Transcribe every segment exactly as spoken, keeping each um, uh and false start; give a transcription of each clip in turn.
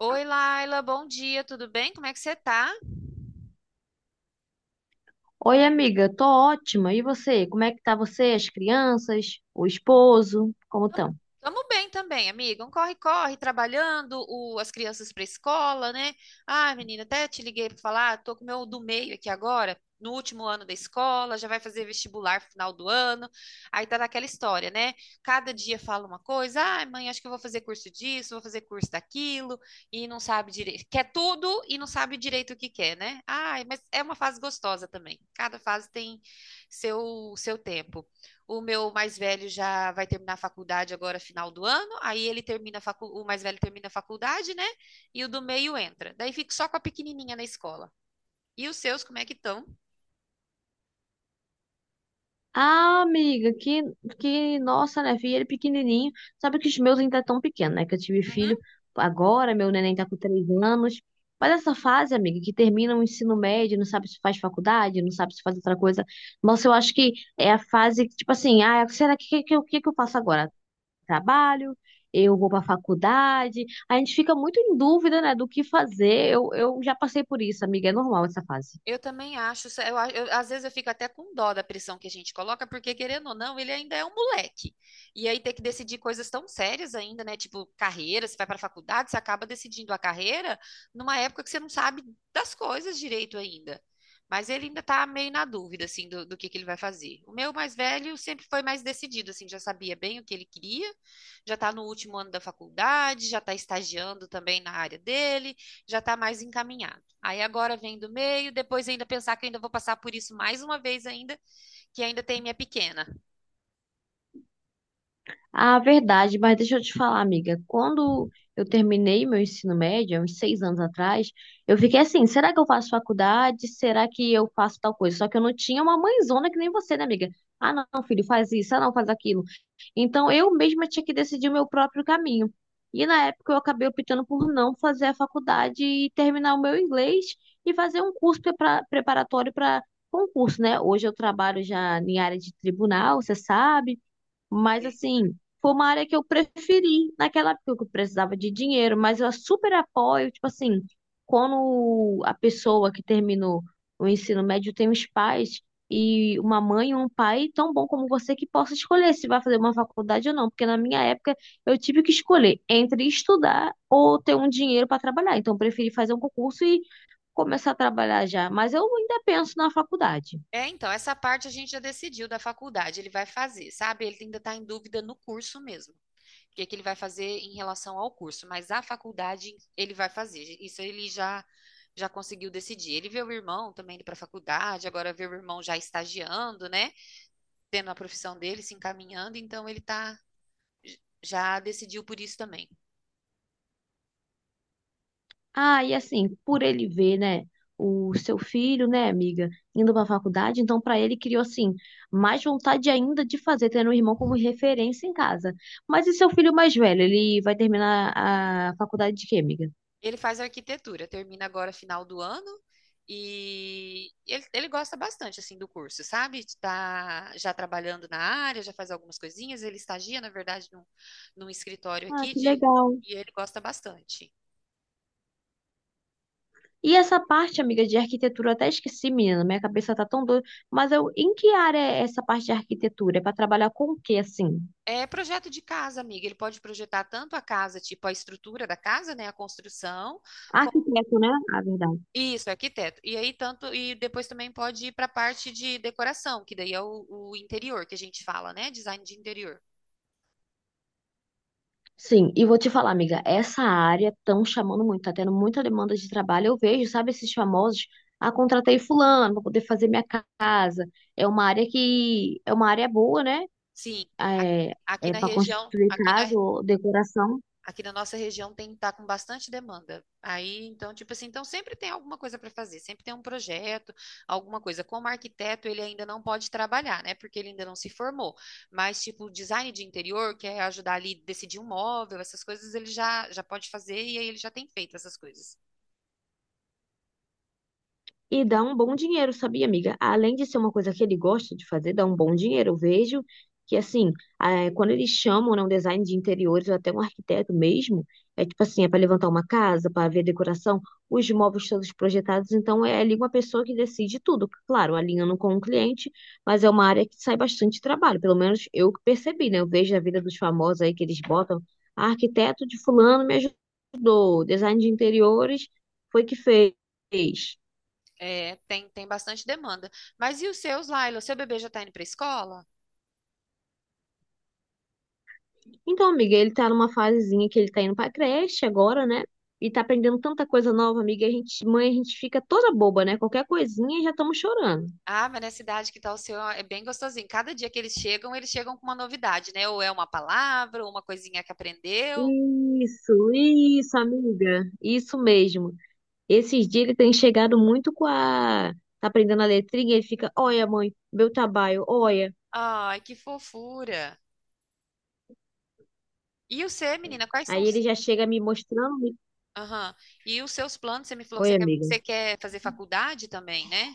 Oi, Laila, bom dia, tudo bem? Como é que você tá? Oi, amiga, tô ótima. E você? Como é que tá você, as crianças, o esposo? Como Tamo estão? tamo bem também, amiga. Um corre-corre, trabalhando o- as crianças para escola, né? Ah, menina, até te liguei para falar, tô com o meu do meio aqui agora, no último ano da escola, já vai fazer vestibular no final do ano. Aí tá naquela história, né? Cada dia fala uma coisa, ah, mãe, acho que eu vou fazer curso disso, vou fazer curso daquilo, e não sabe direito. Quer tudo e não sabe direito o que quer, né? Ai, mas é uma fase gostosa também. Cada fase tem seu, seu tempo. O meu mais velho já vai terminar a faculdade agora, final do ano. Aí ele termina a facu... o mais velho termina a faculdade, né? E o do meio entra. Daí fico só com a pequenininha na escola. E os seus, como é que estão? Ah, amiga, que, que nossa, né, filho, ele pequenininho. Sabe que os meus ainda estão pequenos, né? Que eu tive Uhum. filho agora, meu neném tá com três anos. Mas essa fase, amiga, que termina o ensino médio, não sabe se faz faculdade, não sabe se faz outra coisa. Nossa, eu acho que é a fase que, tipo assim, ah, será que que- que- o que, que eu faço agora? Trabalho, eu vou para a faculdade. A gente fica muito em dúvida, né, do que fazer. Eu, eu já passei por isso, amiga, é normal essa fase. Eu também acho. Isso- Eu, a- eu- às vezes eu fico até com dó da pressão que a gente coloca, porque querendo ou não, ele ainda é um moleque. E aí ter que decidir coisas tão sérias ainda, né? Tipo carreira, você vai para a faculdade, você acaba decidindo a carreira numa época que você não sabe das coisas direito ainda. Mas ele ainda tá meio na dúvida, assim, do, do que que ele vai fazer. O meu mais velho sempre foi mais decidido, assim, já sabia bem o que ele queria, já tá no último ano da faculdade, já tá estagiando também na área dele, já tá mais encaminhado. Aí agora vem do meio, depois ainda pensar que ainda vou passar por isso mais uma vez ainda, que ainda tem minha pequena. A verdade, mas deixa eu te falar, amiga, quando eu terminei meu ensino médio, há uns seis anos atrás, eu fiquei assim, será que eu faço faculdade? Será que eu faço tal coisa? Só que eu não tinha uma mãezona que nem você, né, amiga? Ah, não, filho, faz isso, ah, não, faz aquilo. Então eu mesma tinha que decidir o meu próprio caminho. E na época eu acabei optando por não fazer a faculdade e terminar o meu inglês e fazer um curso prepara- preparatório para concurso, né? Hoje eu trabalho já em área de tribunal, você sabe. Mas Sei. assim, foi uma área que eu preferi naquela época que eu precisava de dinheiro, mas eu super apoio, tipo assim, quando a pessoa que terminou o ensino médio tem os pais e uma mãe e um pai tão bom como você que possa escolher se vai fazer uma faculdade ou não, porque na minha época eu tive que escolher entre estudar ou ter um dinheiro para trabalhar. Então eu preferi fazer um concurso e começar a trabalhar já, mas eu ainda penso na faculdade. É, então, essa parte a gente já decidiu da faculdade, ele vai fazer, sabe? Ele ainda está em dúvida no curso mesmo, o que que ele vai fazer em relação ao curso, mas a faculdade ele vai fazer, isso ele já já conseguiu decidir. Ele vê o irmão também indo para a faculdade, agora vê o irmão já estagiando, né? Tendo a profissão dele, se encaminhando, então ele tá já decidiu por isso também. Ah, e assim, por ele ver, né, o seu filho, né, amiga, indo para a faculdade, então para ele criou assim mais vontade ainda de fazer, tendo um irmão como referência em casa. Mas e seu filho mais velho, ele vai terminar a faculdade de quê, amiga? Ele faz arquitetura, termina agora final do ano e ele, ele gosta bastante assim do curso, sabe? Tá já trabalhando na área, já faz algumas coisinhas, ele estagia, na verdade, num, num escritório Ah, aqui que de, legal. e ele gosta bastante. E essa parte, amiga, de arquitetura, eu até esqueci, menina, minha cabeça tá tão doida, mas eu, em que área é essa parte de arquitetura? É para trabalhar com o quê, assim? É projeto de casa, amiga. Ele pode projetar tanto a casa, tipo a estrutura da casa, né, a construção, como- Arquiteto, né? A verdade. isso, arquiteto. E aí tanto e depois também pode ir para a parte de decoração, que daí é o, o interior que a gente fala, né, design de interior. Sim, e vou te falar, amiga, essa área estão chamando muito, tá tendo muita demanda de trabalho. Eu vejo, sabe, esses famosos, ah, contratei fulano para poder fazer minha casa. É uma área que é uma área boa, né? Sim, a- É, aqui é na para região, construir aqui na, casa ou decoração. aqui na nossa região tem tá com bastante demanda. Aí, então, tipo assim, então sempre tem alguma coisa para fazer, sempre tem um projeto, alguma coisa. Como arquiteto, ele ainda não pode trabalhar, né? Porque ele ainda não se formou. Mas, tipo, design de interior, que é ajudar ali a decidir um móvel, essas coisas ele já, já pode fazer e aí ele já tem feito essas coisas. E dá um bom dinheiro, sabia, amiga? Além de ser uma coisa que ele gosta de fazer, dá um bom dinheiro. Eu vejo que, assim, eh, quando eles chamam, né, um design de interiores ou até um arquiteto mesmo, é tipo assim, é para levantar uma casa, para ver decoração, os móveis todos projetados. Então, é ali uma pessoa que decide tudo. Claro, alinhando com o cliente, mas é uma área que sai bastante trabalho. Pelo menos eu que percebi, né? Eu vejo a vida dos famosos aí que eles botam. "Ah, arquiteto de fulano me ajudou, design de interiores foi que fez." É, tem, tem bastante demanda. Mas e os seus, Laila? O seu bebê já tá indo para escola? Então, amiga, ele tá numa fasezinha que ele tá indo pra creche agora, né? E tá aprendendo tanta coisa nova, amiga. A gente, mãe, a gente fica toda boba, né? Qualquer coisinha já estamos chorando. Ah, mas na cidade que tá o seu é bem gostosinho. Cada dia que eles chegam, eles chegam com uma novidade, né? Ou é uma palavra, ou uma coisinha que aprendeu. Isso, isso, amiga. Isso mesmo. Esses dias ele tem chegado muito com a. Tá aprendendo a letrinha, ele fica, olha, mãe, meu trabalho, olha. Ai, que fofura. E o você, menina, quais são Aí ele os... já chega me mostrando. Aham. E os seus planos? Você me falou que você Oi, quer, amiga. você quer fazer faculdade também, né?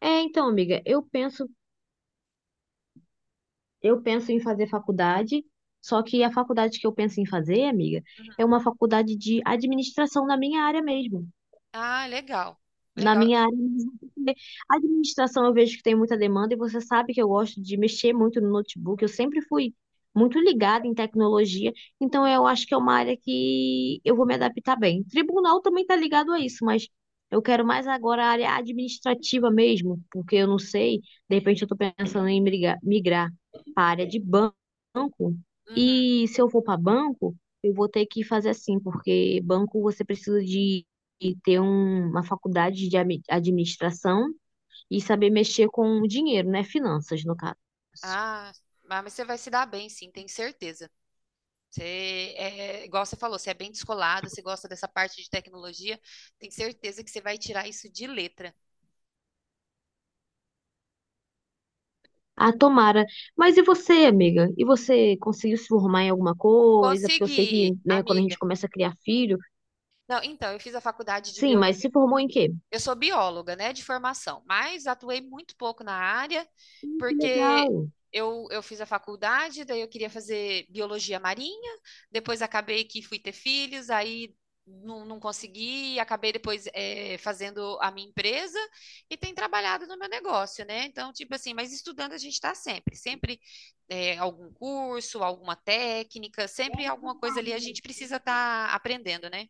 É, então, amiga, eu penso Eu penso em fazer faculdade, só que a faculdade que eu penso em fazer, amiga, é uma faculdade de administração na minha área mesmo. Ah, legal. Na Legal. minha área, porque a administração eu vejo que tem muita demanda e você sabe que eu gosto de mexer muito no notebook. Eu sempre fui muito ligada em tecnologia, então eu acho que é uma área que eu vou me adaptar bem. Tribunal também está ligado a isso, mas eu quero mais agora a área administrativa mesmo, porque eu não sei, de repente eu estou pensando em migrar, migrar para a área de banco. Uhum. E se eu for para banco, eu vou ter que fazer assim, porque banco você precisa de e ter um- uma faculdade de ami- administração e saber mexer com o dinheiro, né? Finanças, no caso. Ah, ah, mas você vai se dar bem, sim, tenho certeza. Você é, igual você falou, você é bem descolada, você gosta dessa parte de tecnologia, tenho certeza que você vai tirar isso de letra. Ah, tomara. Mas e você, amiga? E você conseguiu se formar em alguma coisa? Porque eu sei que, Consegui, né, quando a amiga. gente começa a criar filho. Não, então, eu fiz a faculdade de Sim, bio... mas se formou em quê? Eu sou bióloga, né, de formação, mas atuei muito pouco na área, Que porque legal. eu, eu fiz a faculdade, daí eu queria fazer biologia marinha, depois acabei que fui ter filhos, aí não, não consegui, acabei depois eh, fazendo a minha empresa e tenho trabalhado no meu negócio, né? Então, tipo assim, mas estudando a gente está sempre, sempre eh, algum curso, alguma técnica, sempre alguma coisa ali a gente precisa estar aprendendo, né?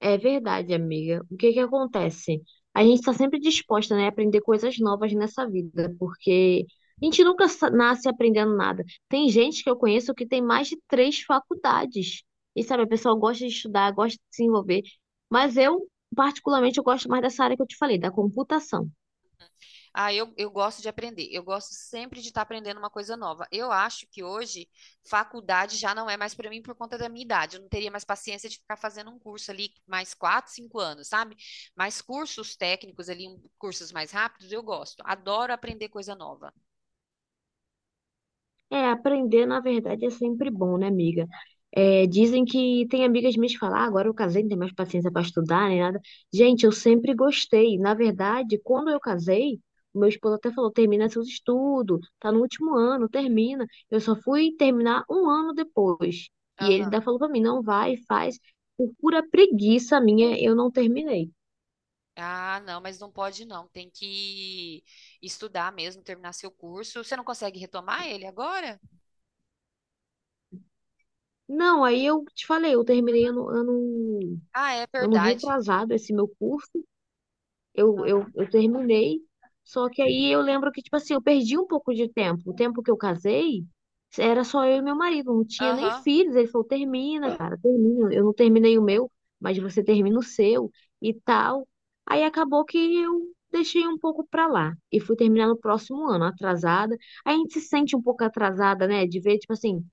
É verdade, amiga. O que que acontece? A gente está sempre disposta, né, a aprender coisas novas nessa vida, porque a gente nunca sa- nasce aprendendo nada. Tem gente que eu conheço que tem mais de três faculdades. E sabe, a pessoa gosta de estudar, gosta de se envolver. Mas eu, particularmente, eu gosto mais dessa área que eu te falei, da computação. Ah, eu, eu gosto de aprender. Eu gosto sempre de estar aprendendo uma coisa nova. Eu acho que hoje faculdade já não é mais para mim por conta da minha idade. Eu não teria mais paciência de ficar fazendo um curso ali mais quatro, cinco anos, sabe? Mas cursos técnicos ali, um- cursos mais rápidos, eu gosto. Adoro aprender coisa nova. É, aprender, na verdade, é sempre bom, né, amiga? É, dizem que tem amigas minhas que falam, ah, agora eu casei, não tenho mais paciência para estudar, nem nada. Gente, eu sempre gostei. Na verdade, quando eu casei, o meu esposo até falou, termina seus estudos, tá no último ano, termina. Eu só fui terminar um ano depois. E ele Aham. ainda falou para mim, não vai, faz. Por pura preguiça minha, eu não terminei. Ah, não, mas não pode não. Tem que estudar mesmo, terminar seu curso. Você não consegue retomar ele agora? Não, aí eu te falei, eu terminei ano, ano, Ah, é ano verdade. retrasado esse meu curso. Eu, eu, eu terminei, só que aí eu lembro que, tipo assim, eu perdi um pouco de tempo. O tempo que eu casei, era só eu e meu marido, não tinha nem Aham. filhos. Ele falou: termina, cara, termina. Eu não terminei o meu, mas você termina o seu e tal. Aí acabou que eu deixei um pouco pra lá e fui terminar no próximo ano, atrasada. Aí a gente se sente um pouco atrasada, né? De ver, tipo assim.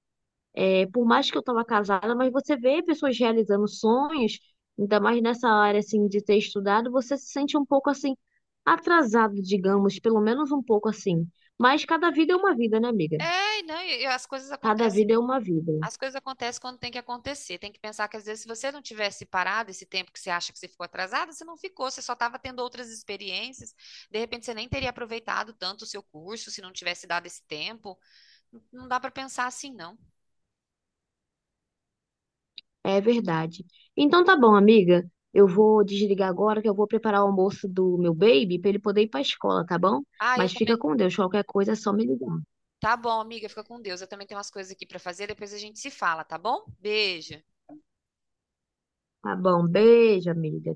É, por mais que eu estava casada, mas você vê pessoas realizando sonhos, ainda mais nessa área assim de ter estudado, você se sente um pouco assim atrasado, digamos, pelo menos um pouco assim. Mas cada vida é uma vida, né, amiga? É, não, e- e as coisas Cada acontecem. vida é uma vida. As coisas acontecem quando tem que acontecer. Tem que pensar que às vezes se você não tivesse parado esse tempo que você acha que você ficou atrasada, você não ficou, você só estava tendo outras experiências. De repente você nem teria aproveitado tanto o seu curso se não tivesse dado esse tempo. Não dá para pensar assim, não. É verdade. Então tá bom, amiga. Eu vou desligar agora que eu vou preparar o almoço do meu baby para ele poder ir para a escola, tá bom? Ah, eu Mas fica também. com Deus, qualquer coisa é só me ligar. Tá bom, amiga, fica com Deus. Eu também tenho umas coisas aqui para fazer, depois a gente se fala, tá bom? Beijo. Tá bom? Beijo, amiga.